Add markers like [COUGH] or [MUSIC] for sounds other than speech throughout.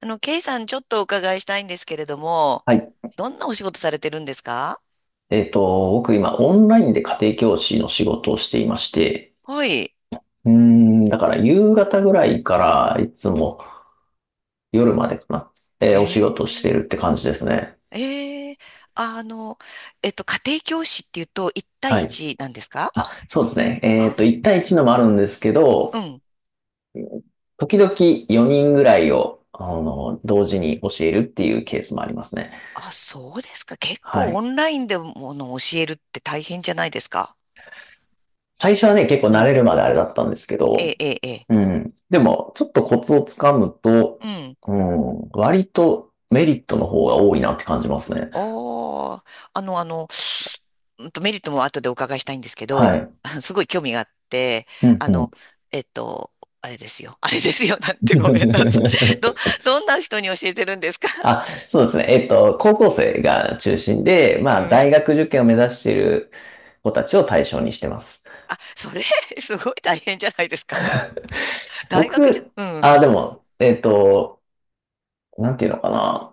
ケイさん、ちょっとお伺いしたいんですけれども、はい。どんなお仕事されてるんですか？僕今オンラインで家庭教師の仕事をしていまして、はい。だから夕方ぐらいからいつも夜までかな、お仕事をしてえるっえて感じですね。ええ。あの、家庭教師っていうと、1対はい。1なんですか？あ、そうですね。あ、1対1のもあるんですけど、うん。時々4人ぐらいを、同時に教えるっていうケースもありますね。あ、そうですか。結は構オい。ンラインでもの教えるって大変じゃないですか？最初はね、結構う慣ん。れるまであれだったんですけえど、えええうん。でも、ちょっとコツをつかむと、ええ。うん、割とメリットの方が多いなって感じますね。ああ、メリットも後でお伺いしたいんですけはど、い。[LAUGHS] すごい興味があって、うん、あうの、ん。えっと、あれですよ。[LAUGHS] あれですよ。なんてごめんなさい。ど、[LAUGHS] どんな人に教えてるんですか？ あ、[LAUGHS] そうですね。高校生が中心で、うまあ、大ん。学受験を目指している子たちを対象にしてます。あ、それ、[LAUGHS] すごい大変じゃないですか。大学じゅ、僕、うん、あ、でも、なんていうのかな。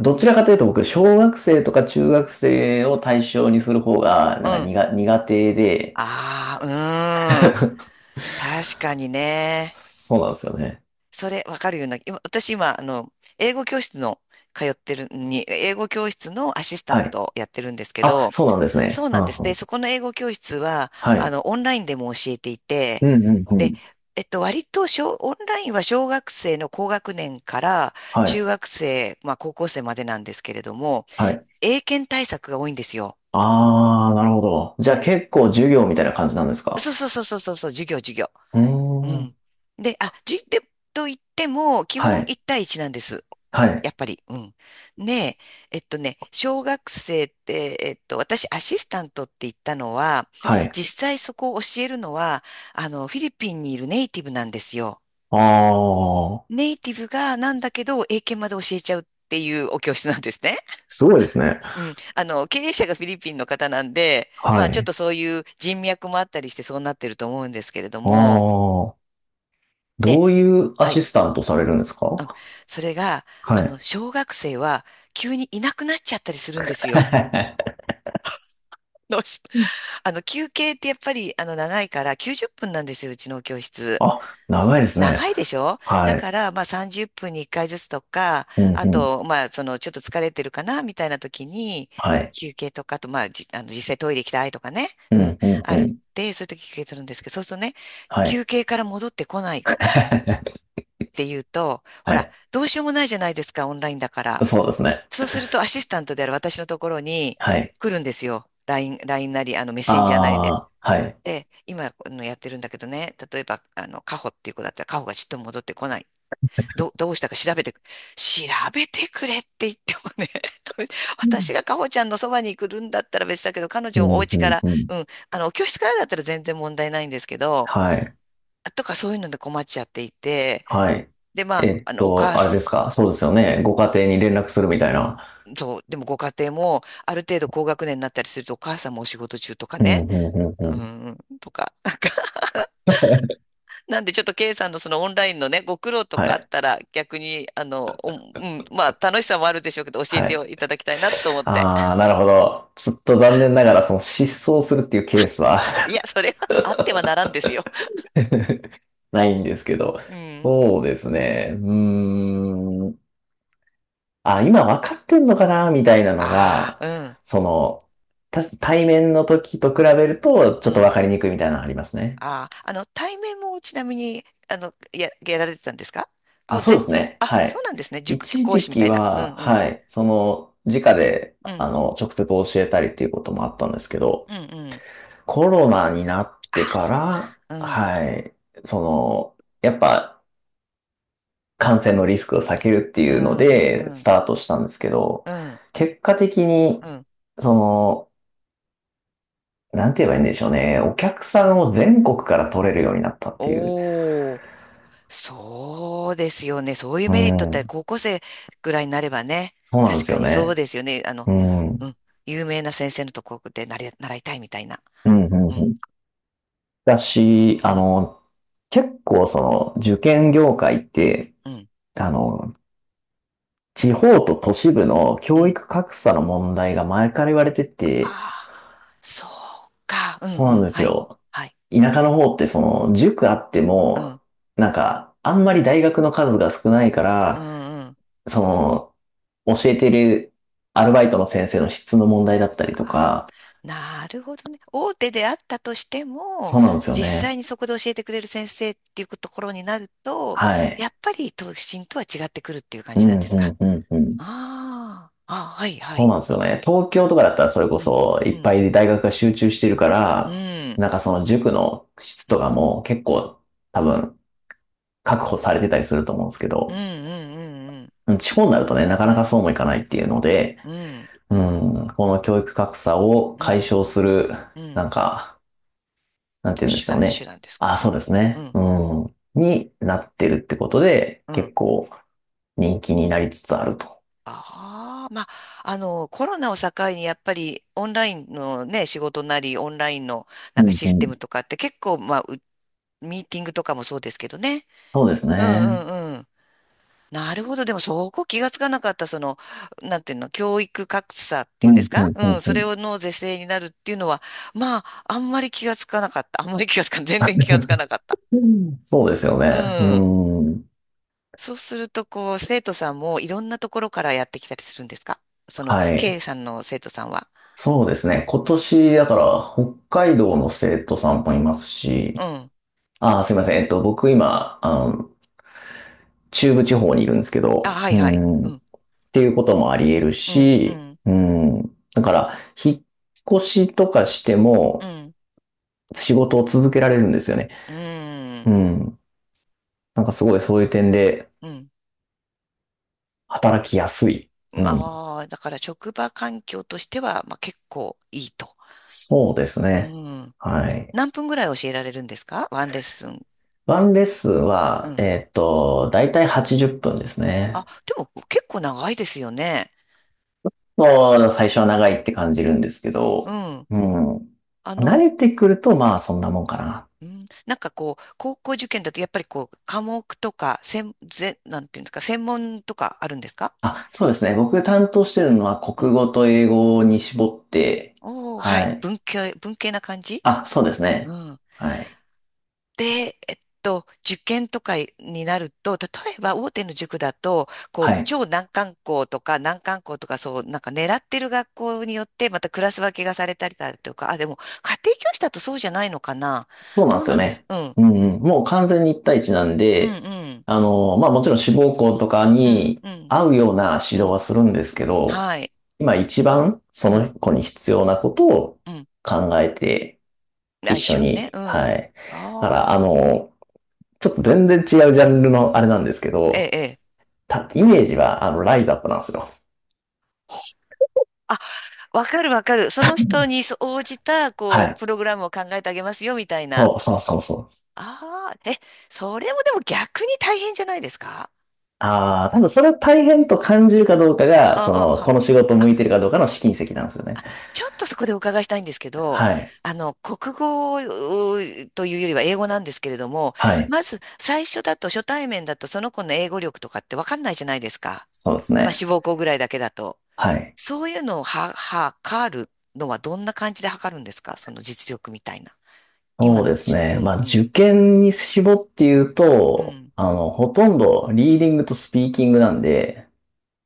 どちらかというと僕、小学生とか中学生を対象にする方が、うなんかん。苦、苦手で、ああ、うん。[LAUGHS] 確かにね。そうなんですよね。それ、わかるような。今、私今、英語教室の、通ってるに、英語教室のアシスタンはい。トをやってるんですけあ、ど、そうなんですそね。ううなんでんす。うで、ん。そこの英語教室は、はい。オンラインでも教えていうて、んうんうで、ん。割と小、オンラインは小学生の高学年からはい。中学生、まあ高校生までなんですけれども、はい。英検対策が多いんですよ。ああ、なるほど。うじゃあん。結構授業みたいな感じなんですか？そうそうそうそうそうそう、授業、授業。うーうん。ん。で、あ、じ、で、と言っても、基は本い。1対1なんです。はやい。っぱり、うん。ね。小学生って、私、アシスタントって言ったのは、はい。実際そこを教えるのは、フィリピンにいるネイティブなんですよ。ああ、ネイティブがなんだけど、英検まで教えちゃうっていうお教室なんですね。すごいですね。[LAUGHS] うん。経営者がフィリピンの方なんで、まはあ、ちょっい。とそういう人脈もあったりしてそうなってると思うんですけれどあも、あ、で、どういうアはシい。スタントされるんですか？それが、はい。小学生は急にいなくなっちゃったりするんですよ。[LAUGHS] [LAUGHS] どうして？休憩ってやっぱり、長いから、90分なんですよ、うちの教室。あ、長いですね。長いでしょ？だはい。から、まあ、30分に1回ずつとか、うんあうん。と、まあ、その、ちょっと疲れてるかな、みたいな時に、はい。休憩とか、あと、まあ、じ、あの、実際トイレ行きたいとかね、ううん、んうんあうるっん。て、そういう時休憩するんですけど、そうするとね、はい。休憩から戻ってこないっ [LAUGHS] はていうと、ほら、い。どうしようもないじゃないですか、オンラインだから。そうですね。そうすると、アシスタントである私のところにはい。来るんですよ。LINE、ラインなり、メッセンジャーなりで。ああ、はい。ええ、今やってるんだけどね、例えば、カホっていう子だったら、カホがちっとも戻ってこない。どうしたか調べてくれって言ってもね、[LAUGHS] う私ん。がカホちゃんのそばに来るんだったら別だけど、彼う女もおん、う家かん、ら、うん。うん、教室からだったら全然問題ないんですけど、はい、とかそういうので困っちゃっていて、はい。で、まあ、お母あれでさすか？ん、そうですよね。ご家庭に連絡するみたいな。そう、でもご家庭も、ある程度高学年になったりすると、お母さんもお仕事中とかうね、ん、うん、うん、ううん。ん、とか、なんでちょっと K さんのそのオンラインのね、ご苦労とはかあっい、たら逆に、あの、おうん、まあ楽しさもあるでしょうけど教えはてい。いただきたいなと思って。ああ、なるほど。ちょっと残念ながら、その失踪するっていうケースは いや、それはあってはならんですよ。[LAUGHS] ないんですけど。うん。そうですね。うーん。あ、今分かってんのかなみたいなのあが、あ、その、対面の時と比べると、うちょん、っうとん。分かりにくいみたいなのありますね。ああ、対面もちなみに、やられてたんですか？もあ、うそう全です然、ね。あ、はそうい。なんですね。塾一講時師みた期いな。うん、は、うん、はい、その、直で、うん、直接教えたりっていうこともあったんですけうど、ん、うん。コロナになっあてあ、かそら、う。うん、はい、その、やっぱ、感染のリスクを避けるってういうのん、うん、で、うスん、タートしたんですけど、うん、結果的に、うん。その、なんて言えばいいんでしょうね。お客さんを全国から取れるようになったっていう。おー。そうですよね。そういううメリットってん、高校生ぐらいになればね。そうなんで確すかよにそうね。ですよね。うん、ううん、ん。有名な先生のところでなれ習いたいみたいな。うん、ううん。ん。だし、うあん。の、結構その受験業界って、うん。あの、地方と都市部のう教ん。育格差の問題が前から言われてあて、あ、そうか。うんそううなんん。ですはい。よ。はい。田舎の方ってその塾あってうも、ん。なんか、あんまり大学の数が少ないかうら、んうん。その、教えてるアルバイトの先生の質の問題だったりとああ、か、なるほどね。大手であったとしても、そうなんですよ実際ね。にそこで教えてくれる先生っていうところになると、はやい。っぱり都心とは違ってくるっていう感うじなんん、ですうか。ん、うん、うん。ああ、あ、はい、はそうい。なんですよね。東京とかだったらそれこうん、そういっん、ぱい大学が集中してるかうら、ん、なんかその塾の質うとん、かも結うん、構多分確保されてたりすると思うんですけうん、ど、うん、うん、うん、地方になるとね、なかうなかん、そうもいかうないん、っていうので、うん、うん、この教育格差をう解ん、消する、なんか、なんて言うんで手しょう段、手ね。段ですか。あ、うそうん、ですうね。ん、うん、になってるってことで、うん。結構人気になりつつあると。ああ、まあ、コロナを境に、やっぱり、オンラインのね、仕事なり、オンラインの、なうんかん、シうステムん、とかって結構、まあ、ミーティングとかもそうですけどね。そうですうん、ね。うん、うん。なるほど。でもそこ気がつかなかった、なんていうの、教育格差ってういうんでんすうか？んううんん、うそんれをの是正になるっていうのは、まあ、あんまり気がつかなかった。あんまり気がつか、全然気がつかなかった。うん。そうですようね。うん。ーん。そうすると、こう、生徒さんもいろんなところからやってきたりするんですか？その、はい。K さんの生徒さんは。そうですね。今年、だから、北海道の生徒さんもいますうし、ん。あー、すいません。僕今、中部地方にいるんですけあ、ど、はういはい。うん。っん。ていうこともあり得るうん、うし、ん、うん。だから、引っ越しとかしてうも、ん、仕事を続けられるんですよね。ううん、ん。なんかすごいそういう点で、うん。働きやすい。うん。ああー、だから職場環境としては、まあ結構いいと。そうですうね。ん。はい。何分ぐらい教えられるんですか？ワンレッスン。ワンレッスンうは、ん。だいたい80分ですあ、ね。でも結構長いですよね。もう、最初は長いって感じるんですけうど、ん。うん。あ慣の、れてくると、まあ、そんなもんかな。うん、なんかこう、高校受験だとやっぱりこう、科目とか、なんていうんですか、専門とかあるんですか？あ、そうですね。僕担当してるのは、う国ん。語と英語に絞って、おー、ははい。い。文系、文系な感じ。あ、そうですうね。ん。はい。で、受験とかになると、例えば大手の塾だと、こう、はい。超難関校とか難関校とか、そう、なんか狙ってる学校によって、またクラス分けがされたりだとか、あ、でも、家庭教師だとそうじゃないのかな。そうなんどうですなよんです？ね。うん、うんうん。もう完全に一対一なんうん、で、うん、まあもちろん志望校とかうん、にうん、合うような指う導ん、はするんですけど、はい、今一番うそん、の子に必要なことをうん。考えてあ、一一緒緒にね、に、うん。あはい。だから、あ、ちょっと全然違うジャンルのあれなんですけええ、ど、ええ。イメージはあの、ライズアップなんですよ。あ、わかるわかる。その人に応じた、はこう、い。プログラムを考えてあげますよ、みたいな。そうそうそうそう。ああ、え、それもでも逆に大変じゃないですか？ああ、多分それを大変と感じるかどうかが、あその、あ、この仕事あ、向いてあるかどうかの試金石なんですよね。ちょっとそこでお伺いしたいんですけど、はい。国語うというよりは英語なんですけれども、はい。まず最初だと初対面だとその子の英語力とかってわかんないじゃないですか。そうですまあ、ね。志望校ぐらいだけだと。はい。そういうのをは、測るのはどんな感じで測るんですか？その実力みたいな。今そうのですち、うね。まん、あ、うん、受験に絞って言ううと、ん、ほとんどうリーん。ディングとスピーキングなんで、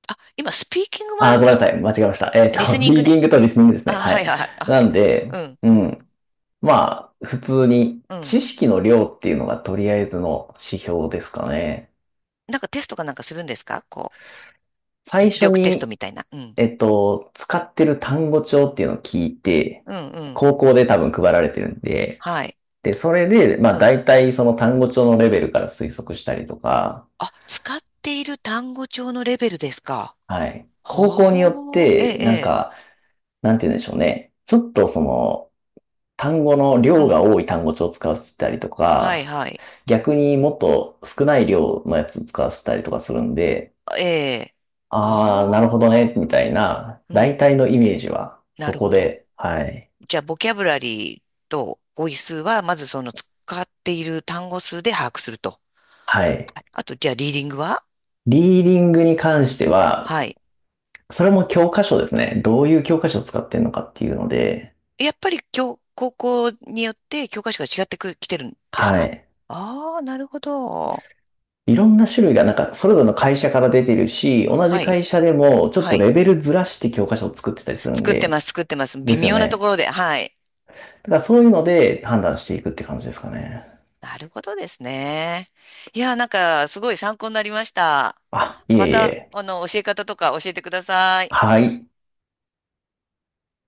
あ、今スピーキングもああ、るんごでめんなす。さい。間違えました。リス[LAUGHS] ニンリグーデね。ィングとリスニングですあ、ね。ははいい。はい。あ な OK。 んで、うん。うん。まあ、普通にうん。知識の量っていうのがとりあえずの指標ですかね。なんかテストかなんかするんですか？こう、最実初力テストに、みたいな。うん。使ってる単語帳っていうのを聞いて、うん、うん。高校で多分配られてるんで、はい。で、それで、まあうん。大体その単語帳のレベルから推測したりとか、あ、使っている単語帳のレベルですか？はい。高校によっほー、えて、なんえ、か、なんて言うんでしょうね。ちょっとその、単語のええ。量うん。が多い単語帳を使わせたりとはい、か、はい。逆にもっと少ない量のやつ使わせたりとかするんで、ええ。あー、なるほどああ、ね、みたいな、うん。大体のイメージは、なそるこほど。で、はい。じゃあ、ボキャブラリーと語彙数は、まずその使っている単語数で把握すると。はい。はい。あと、じゃあ、リーディングは？リーディングに関しては、はい。それも教科書ですね。どういう教科書を使ってるのかっていうので、やっぱり高校によって教科書が違ってく、きてるんですはか？い。ああー、なるほど。いろんな種類が、なんか、それぞれの会社から出てるし、同じはい、会社でも、ちょっはとい。レベルずらして教科書を作ってたりするん作ってで、ます、作ってます。で微すよ妙なとこね。ろで、はい。だからそういうので判断していくって感じですかね。なるほどですね。いや、なんか、すごい参考になりました。あ、いまえいた、え。教え方とか教えてください。はい。